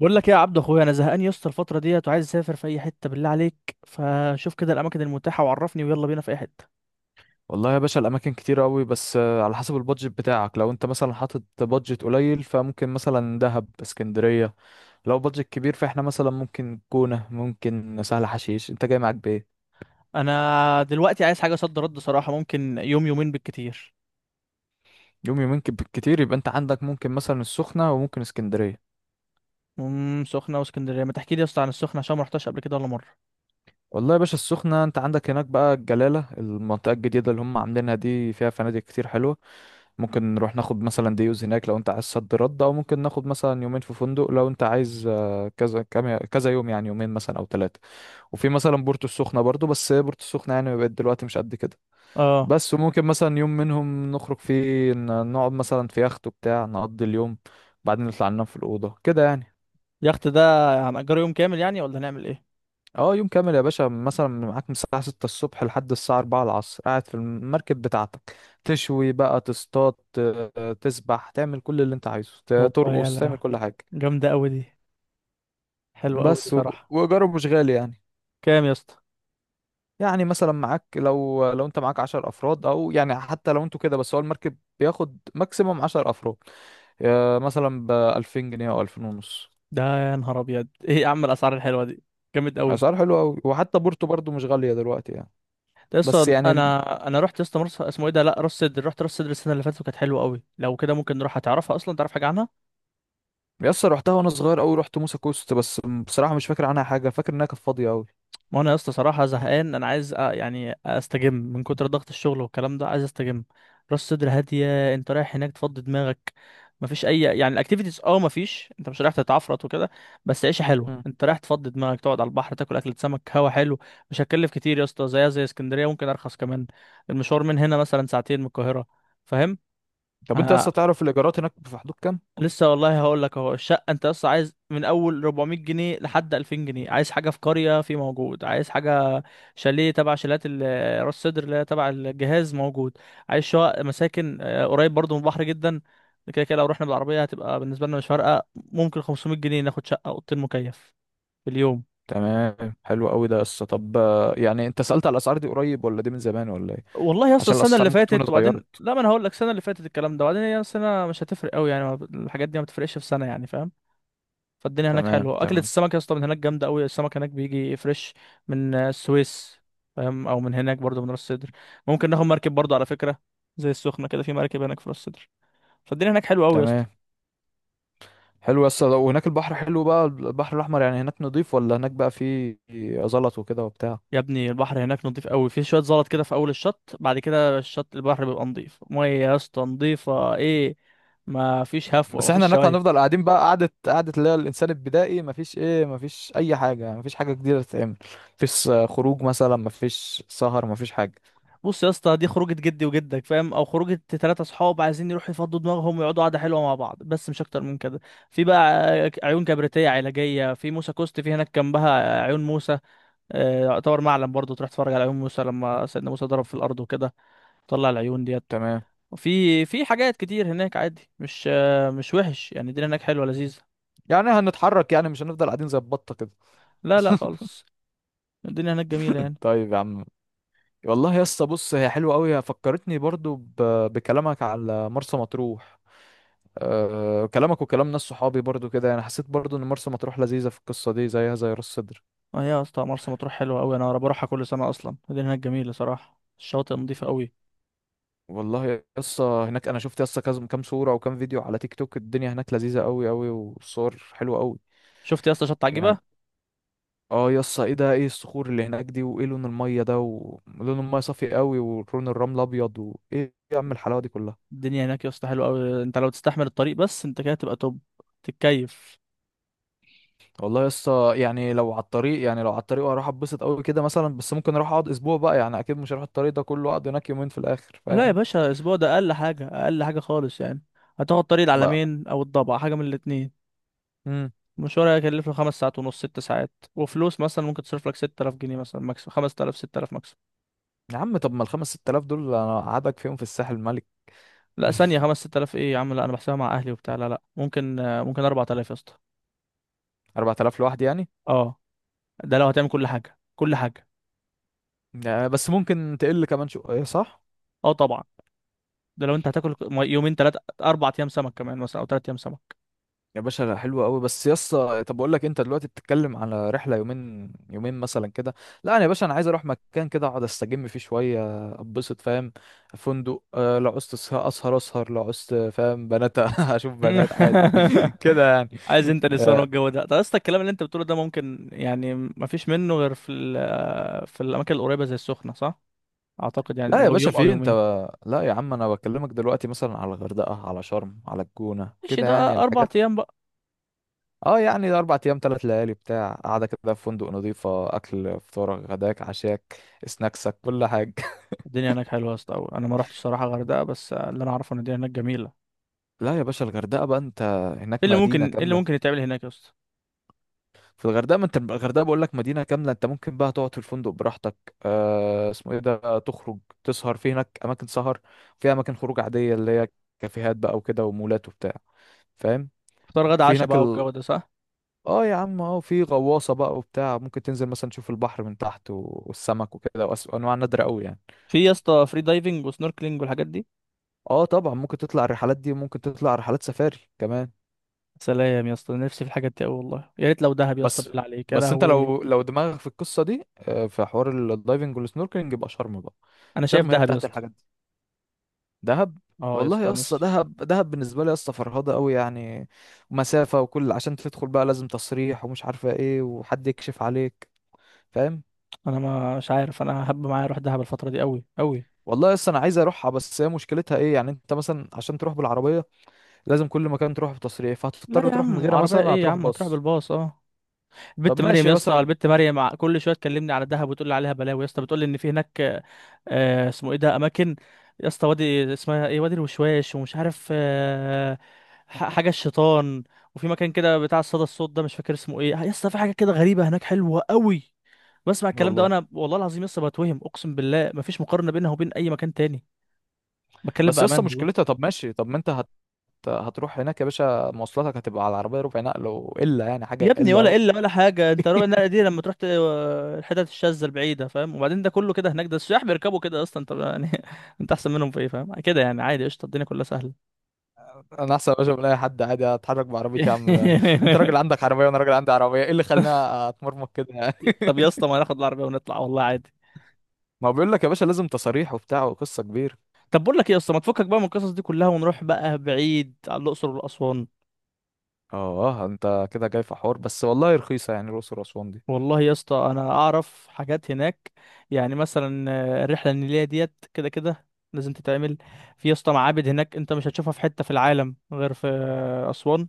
بقول لك ايه يا عبد اخويا، انا زهقان يا اسطى الفتره ديت وعايز اسافر في اي حته، بالله عليك فشوف كده الاماكن المتاحه وعرفني ويلا بينا في اي حته. والله يا باشا الاماكن كتير قوي. بس على حسب البادجت بتاعك. لو انت مثلا حاطط بادجت قليل فممكن مثلا دهب، اسكندريه. لو بادجت كبير فاحنا مثلا ممكن جونه، ممكن سهل حشيش. انت جاي معاك بايه؟ انا دلوقتي عايز حاجه صد رد صراحه، ممكن يوم يومين بالكتير. يوم يومين كتير يبقى انت عندك ممكن مثلا السخنه وممكن اسكندريه. سخنه واسكندريه، ما تحكي لي يا اسطى عن السخنه عشان ما رحتش قبل كده ولا مره. والله يا باشا، السخنه انت عندك هناك بقى الجلاله، المنطقه الجديده اللي هم عاملينها دي، فيها فنادق كتير حلوه. ممكن نروح ناخد مثلا ديوز هناك لو انت عايز صد رد، او ممكن ناخد مثلا يومين في فندق لو انت عايز. كذا كذا يوم يعني، يومين مثلا او ثلاثه. وفي مثلا بورتو السخنة برضو، بس هي بورتو السخنة يعني بقت دلوقتي مش قد كده. اه. بس وممكن مثلا يوم منهم نخرج فيه نقعد مثلا في يخت وبتاع، نقضي اليوم. بعدين نطلع ننام في الأوضة كده يعني. يخت ده هنأجره يوم كامل يعني ولا هنعمل ايه؟ اه يوم كامل يا باشا، مثلا معاك من الساعة ستة الصبح لحد الساعة أربعة العصر قاعد في المركب بتاعتك. تشوي بقى، تصطاد، تسبح، تعمل كل اللي انت عايزه، هوبا ترقص، يلا، تعمل كل حاجة. جامده قوي دي، حلوه قوي دي بس صراحه. وإيجاره مش غالي يعني. كام يا اسطى؟ يعني مثلا معاك، لو انت معاك عشر افراد او يعني حتى لو انتوا كده، بس هو المركب بياخد ماكسيموم عشر افراد. مثلا بألفين جنيه او ألفين ونص. ده يا نهار ابيض، ايه يا عم الاسعار الحلوه دي، جامد قوي. اسعار حلوة اوي، وحتى بورتو برضو مش غالية دلوقتي يعني. بس لسه يعني. انا رحت لسه مرسى اسمه ايه ده، لا راس سدر، رحت راس سدر السنه اللي فاتت وكانت حلوه قوي، لو كده ممكن نروح، هتعرفها اصلا؟ تعرف حاجه عنها؟ يسطا رحتها وانا صغير اوي، رحت موسى كوست بس. بصراحة مش فاكر عنها حاجة، فاكر انها كانت فاضية اوي. ما انا لسه صراحه زهقان، انا عايز يعني استجم من كتر ضغط الشغل والكلام ده، عايز استجم. راس سدر هاديه، انت رايح هناك تفضي دماغك، مفيش اي يعني الاكتيفيتيز، اه مفيش، انت مش رايح تتعفرط وكده، بس عيشه حلوه، مم. انت رايح تفضي دماغك، تقعد على البحر، تاكل اكله سمك، هوا حلو. مش هتكلف كتير يا اسطى، زيها زي اسكندريه، ممكن ارخص كمان. المشوار من هنا مثلا ساعتين من القاهره، فاهم؟ طب انت آه، يسطا تعرف الايجارات هناك في حدود كام؟ لسه والله هقول لك اهو، الشقه انت بس عايز، من اول 400 جنيه لحد 2000 جنيه، عايز حاجه في قريه في موجود، عايز حاجه شاليه تبع شاليات راس سدر اللي هي تبع الجهاز موجود، عايز شقق مساكن قريب برضو من البحر جدا. كده كده لو رحنا بالعربيه هتبقى بالنسبه لنا مش فارقه، ممكن 500 جنيه ناخد شقه اوضتين مكيف في اليوم. تمام، حلو قوي ده يسطا. طب يعني انت سألت على الاسعار دي قريب ولا دي من زمان ولا ايه؟ والله يا اسطى عشان السنه الاسعار اللي ممكن تكون فاتت، اتغيرت. وبعدين لا، ما انا هقول لك السنه اللي فاتت الكلام ده، وبعدين هي السنه مش هتفرق قوي يعني، الحاجات دي ما بتفرقش في سنه يعني، فاهم؟ فالدنيا هناك تمام حلوه، اكله تمام. السمك يا اسطى من هناك جامده قوي، السمك هناك بيجي فريش من السويس، فاهم؟ او من هناك برضه من راس سدر. ممكن ناخد مركب برضه على فكره، زي السخنه كده، في مركب هناك في راس سدر. فالدنيا هناك حلوه قوي يا اسطى. تمام، حلو يا اسطى. وهناك البحر حلو بقى، البحر الاحمر يعني هناك نضيف ولا هناك بقى فيه زلط وكده وبتاع؟ يا ابني البحر هناك نضيف قوي، في شويه زلط كده في اول الشط، بعد كده الشط البحر بيبقى نضيف، ميه يا اسطى نضيفه ايه، ما فيش هفوه، ما بس احنا فيش هناك شوايب. هنفضل قاعدين بقى قعدة قعدة، اللي هي الانسان البدائي، مفيش ايه، مفيش اي حاجة يعني، مفيش حاجة جديدة تتعمل. مفيش خروج مثلا، مفيش سهر، مفيش حاجة. بص يا اسطى، دي خروجة جدي وجدك فاهم، او خروجة تلاتة صحاب عايزين يروحوا يفضوا دماغهم ويقعدوا قعدة حلوة مع بعض، بس مش اكتر من كده. في بقى عيون كبريتية علاجية في موسى كوست، في هناك جنبها عيون موسى، يعتبر معلم برضه، تروح تتفرج على عيون موسى لما سيدنا موسى ضرب في الارض وكده طلع العيون ديت. تمام، وفي حاجات كتير هناك عادي، مش مش وحش يعني، الدنيا هناك حلوة لذيذة. يعني هنتحرك، يعني مش هنفضل قاعدين زي البطة كده. لا لا خالص. الدنيا هناك جميلة يعني. طيب يا عم. والله يا اسطى بص، هي حلوه قوي، فكرتني برضو ب... بكلامك على مرسى مطروح. أه كلامك وكلام ناس صحابي برضو كده، يعني حسيت برضو ان مرسى مطروح لذيذه في القصه دي، زيها زي راس سدر. اه يا اسطى مرسى مطروح حلوة قوي، انا بروحها كل سنة اصلا، الدنيا هناك جميلة صراحة، الشواطئ نظيفة قوي. والله يا اسطى، هناك انا شفت يا اسطى كام صوره وكام فيديو على تيك توك، الدنيا هناك لذيذه قوي قوي، والصور حلوه قوي شفت يا اسطى شط عجيبة. يعني. اه يا اسطى، ايه ده، ايه الصخور اللي هناك دي، وايه لون الميه ده، ولون الميه صافي قوي، ولون الرمل ابيض، وايه يا عم الحلاوه دي كلها! الدنيا هناك يا اسطى حلوه قوي، انت لو تستحمل الطريق بس انت كده تبقى توب، تتكيف. والله يا اسطى يعني، لو على الطريق يعني، لو على الطريق هروح اتبسط قوي كده مثلا، بس ممكن اروح اقعد اسبوع بقى يعني، اكيد مش هروح الطريق ده كله اقعد هناك يومين في الاخر، لا يا فاهم؟ باشا، اسبوع ده اقل حاجه، اقل حاجه خالص يعني. هتاخد طريق بقى. العلمين او الضبع، حاجه من الاتنين. المشوار هيكلف له خمس ساعات ونص ست ساعات، وفلوس مثلا ممكن تصرف لك 6000 جنيه مثلا، ماكس 5000 6000 ماكس. يا عم طب ما الخمس ست آلاف دول انا قعدك فيهم في الساحل الملك. لا ثانيه، 5 6000 ايه يا عم، لا انا بحسبها مع اهلي وبتاع، لا لا ممكن ممكن 4000 يا اسطى. 4,000 لوحدي يعني؟ اه، ده لو هتعمل كل حاجه، كل حاجه. بس ممكن تقل كمان شويه، صح؟ اه طبعا، ده لو انت هتاكل يومين ثلاثه اربع ايام سمك كمان مثلا، او ثلاث ايام سمك. يا باشا لا، حلوة قوي. بس يا اسطى طب اقول لك، انت دلوقتي بتتكلم على رحله يومين يومين مثلا كده. لا انا يا باشا، انا عايز اروح مكان كده اقعد استجم فيه شويه، اتبسط، فاهم؟ فندق، لو عوزت اسهر اسهر لو عوزت، فاهم، بنات اشوف بنات عادي كده يعني. عايز انت نسوان آه، والجو ده، طب اصلا الكلام اللي انت بتقوله ده ممكن يعني ما فيش منه غير في في الاماكن القريبه زي السخنه، صح؟ اعتقد يعني لا يا لو باشا يوم او في انت يومين. لا يا عم، انا بكلمك دلوقتي مثلا على الغردقه، على شرم، على الجونه ماشي، كده ده يعني اربع الحاجات. ايام بقى. اه يعني اربع ايام، ثلاث ليالي بتاع، قاعده كده في فندق نظيفه، اكل، فطارك غداك عشاك سناكسك كل حاجه. الدنيا هناك حلوه يا اسطى أوي. انا ما رحتش الصراحه غردقه، بس اللي انا اعرفه ان الدنيا هناك جميله. لا يا باشا الغردقه بقى انت، ايه هناك اللي ممكن، مدينه ايه اللي كامله. ممكن يتعمل هناك يا اسطى؟ في الغردقه، ما انت الغردقه بقول لك مدينه كامله. انت ممكن بقى تقعد في الفندق براحتك، آه اسمه ايه ده، تخرج، تسهر، في هناك اماكن سهر، في اماكن خروج عاديه اللي هي كافيهات بقى وكده، ومولات وبتاع، فاهم؟ فطار غدا وفي عشاء هناك بقى ال... والجو ده، صح؟ اه يا عم، اه في غواصه بقى وبتاع، ممكن تنزل مثلا تشوف البحر من تحت والسمك وكده، وانواع نادره قوي يعني. في يا اسطى فري دايفنج وسنوركلينج والحاجات دي؟ اه طبعا ممكن تطلع الرحلات دي، وممكن تطلع رحلات سفاري كمان. سلام يا اسطى، نفسي في الحاجات دي قوي، والله يا ريت لو دهب يا اسطى، بس بالله عليك يا انت لهوي. لو دماغك في القصه دي، في حوار الدايفنج والسنوركلينج، يبقى شرم بقى. انا شايف شرم هي دهب يا بتاعت اسطى. الحاجات دي. دهب. اه يا والله اسطى يا اسطى نفسي. دهب، دهب بالنسبه لي يا اسطى فرهضه قوي يعني. مسافه وكل، عشان تدخل بقى لازم تصريح ومش عارفه ايه، وحد يكشف عليك، فاهم؟ انا ما- مش عارف انا هب معايا اروح دهب الفتره دي قوي قوي. والله يا اسطى انا عايز اروحها، بس هي مشكلتها ايه يعني، انت مثلا عشان تروح بالعربيه لازم كل مكان تروح بتصريح، لا فهتضطر يا تروح من عم غيرها، عربيه مثلا ايه يا هتروح عم، هتروح باص. بالباص اه. طب البت مريم ماشي يا اسطى، مثلا. البت مريم كل شويه تكلمني على دهب وتقول لي عليها بلاوي، يا اسطى بتقول لي ان في هناك اسمه ايه ده اماكن، يا اسطى وادي اسمها ايه، وادي الوشواش ومش عارف حاجه الشيطان، وفي مكان كده بتاع الصدى الصوت ده مش فاكر اسمه ايه يا اسطى، في حاجه كده غريبه هناك حلوه قوي. بسمع الكلام ده والله وانا والله العظيم لسه بتوهم، اقسم بالله مفيش مقارنه بينها وبين اي مكان تاني، بتكلم بس يسطا بامان. مشكلتها. طب ماشي، طب ما انت هت... هتروح هناك يا باشا، مواصلاتك هتبقى على العربية ربع نقل، وإلا يعني يا حاجة ابني إلا ولا أوي. قله ولا حاجه، انت ربع النقله دي لما تروح الحتت الشاذه البعيده فاهم، وبعدين ده كله كده هناك، ده السياح بيركبوا كده اصلا، طب يعني انت احسن منهم في ايه فاهم، كده يعني عادي قشطه، الدنيا كلها سهله. أنا أحسن يا باشا من أي حد عادي، أتحرك بعربيتي يا عم. أنت راجل عندك عربية، وأنا راجل عندي عربية، إيه اللي خلاني أتمرمط كده يعني؟ طب يا اسطى ما ناخد العربيه ونطلع والله عادي. ما هو بيقول لك يا باشا، لازم تصاريح وبتاع وقصة كبيرة. طب بقول لك ايه يا اسطى، ما تفكك بقى من القصص دي كلها ونروح بقى بعيد على الاقصر والاسوان. آه أنت كده جاي في حوار، بس والله رخيصة يعني الأقصر وأسوان دي. والله يا اسطى انا اعرف حاجات هناك، يعني مثلا الرحله النيليه ديت كده كده لازم تتعمل، في يا اسطى معابد هناك انت مش هتشوفها في حته في العالم غير في اسوان،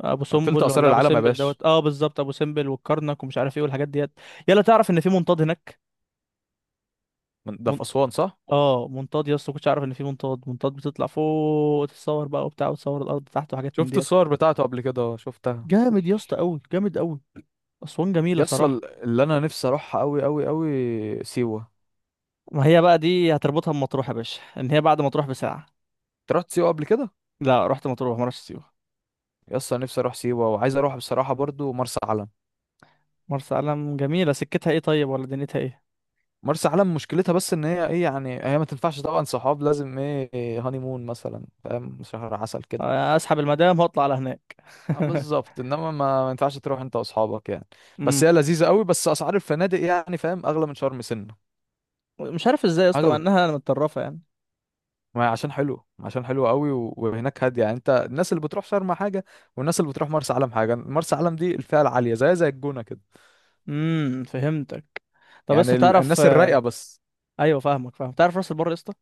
ابو تلت سمبل، آثار ولا ابو العالم يا سمبل باشا. دوت، اه بالظبط، ابو سمبل والكرنك ومش عارف ايه والحاجات ديت. يلا، تعرف ان في منطاد هناك؟ ده من... في أسوان، صح؟ اه منطاد يا اسطى، كنتش اعرف ان في منطاد، منطاد بتطلع فوق تتصور بقى وبتاع وتصور الارض تحت وحاجات من شفت ديت. الصور بتاعته قبل كده، شفتها. جامد يا اسطى قوي، جامد قوي، اسوان جميله يسطا، صراحه. اللي أنا نفسي أروحها أوي أوي أوي سيوة. ما هي بقى دي هتربطها بمطروح يا باشا، ان هي بعد مطروح بساعه. أنت رحت سيوة قبل كده؟ لا رحت مطروح، ما رحتش سيوه. يا اسطى نفسي اروح سيوه، وعايز اروح بصراحه برضو مرسى علم. مرسى علم جميله، سكتها ايه طيب ولا دنيتها ايه؟ مرسى علم مشكلتها بس ان هي ايه يعني، هي ما تنفعش طبعا صحاب، لازم ايه، هاني مون مثلا، فاهم، شهر عسل كده. اسحب المدام واطلع على هناك. آه بالظبط، انما ما ينفعش تروح انت واصحابك يعني. بس هي امم لذيذه قوي، بس اسعار الفنادق يعني فاهم، اغلى من شرم سنه. مش عارف ازاي يا اسطى حاجه مع ب-. انها متطرفه يعني. ما هي عشان حلو، عشان حلو قوي وهناك هاديه يعني. انت الناس اللي بتروح شرم حاجه، والناس اللي بتروح مرسى علم حاجه، مرسى علم دي الفئه العاليه، زي زي الجونه كده. فهمتك. طب يعني لسه تعرف الناس الرايقه بس. ايوه فاهمك، فاهم تعرف راس البر يا اسطى؟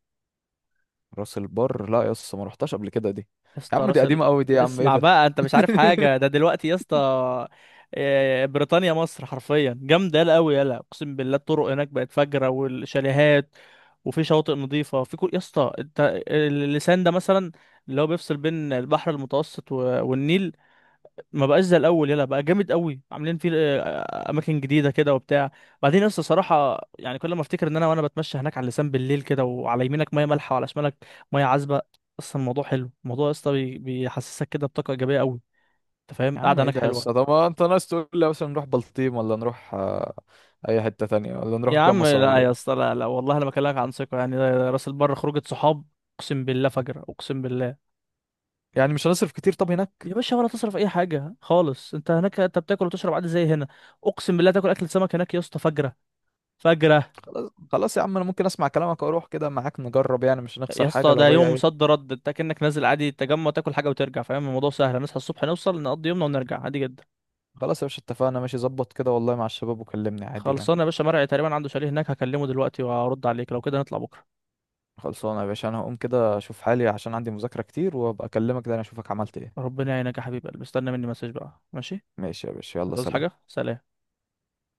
راس البر؟ لا يا اسطى ما رحتش قبل كده دي. يا يا اسطى عم دي راس قديمه قوي دي يا عم، ايه اسمع ده؟ بقى، انت مش عارف حاجه ده دلوقتي يا اسطى. بريطانيا مصر حرفيا، جامده يلا قوي يلا، اقسم بالله الطرق هناك بقت فجره، والشاليهات وفي شواطئ نظيفه في كل، يا اسطى انت اللسان ده مثلا اللي هو بيفصل بين البحر المتوسط والنيل ما بقاش زي الاول، يلا بقى جامد قوي عاملين فيه اماكن جديده كده وبتاع. بعدين لسه صراحه يعني، كل ما افتكر ان انا، وانا بتمشى هناك على اللسان بالليل كده، وعلى يمينك ميه مالحه وعلى شمالك ميه عذبه، اصلا الموضوع حلو، الموضوع يا اسطى بيحسسك كده بطاقه ايجابيه قوي، انت فاهم، يا عم القعده ايه هناك ده يا اسطى، حلوه. طب ما انت ناس تقول لي مثلا نروح بلطيم، ولا نروح اي حته تانية، ولا يا نروح عم جمصة، لا ولا يا ايه؟ اسطى، لا لا والله انا بكلمك عن ثقه يعني، راس البر خروجه صحاب، اقسم بالله فجر، اقسم بالله. يعني مش هنصرف كتير طب يا هناك؟ باشا ولا تصرف اي حاجه خالص، انت هناك انت بتاكل وتشرب عادي زي هنا، اقسم بالله تاكل اكل سمك هناك يا اسطى فجره، فجره. خلاص خلاص يا عم، انا ممكن اسمع كلامك واروح كده معاك نجرب، يعني مش يا هنخسر حاجه، اسطى ده لو هي يوم ايه. صد رد، انت كأنك نازل عادي تجمع تاكل حاجه وترجع، فاهم الموضوع سهل، نصحى الصبح نوصل نقضي يومنا ونرجع عادي جدا. خلاص يا باشا اتفقنا، ماشي ظبط كده والله مع الشباب وكلمني عادي يعني. خلصانه يا باشا، مرعي تقريبا عنده شاليه هناك، هكلمه دلوقتي وهرد عليك، لو كده نطلع بكره. خلصانه يا باشا، انا هقوم كده اشوف حالي عشان عندي مذاكره كتير، وابقى اكلمك، ده انا اشوفك عملت ايه. ربنا يعينك يا حبيبي قلبي، استنى مني مسج بقى ماشي. ماشي يا باشا، يلا هتعوز سلام. حاجه سلام.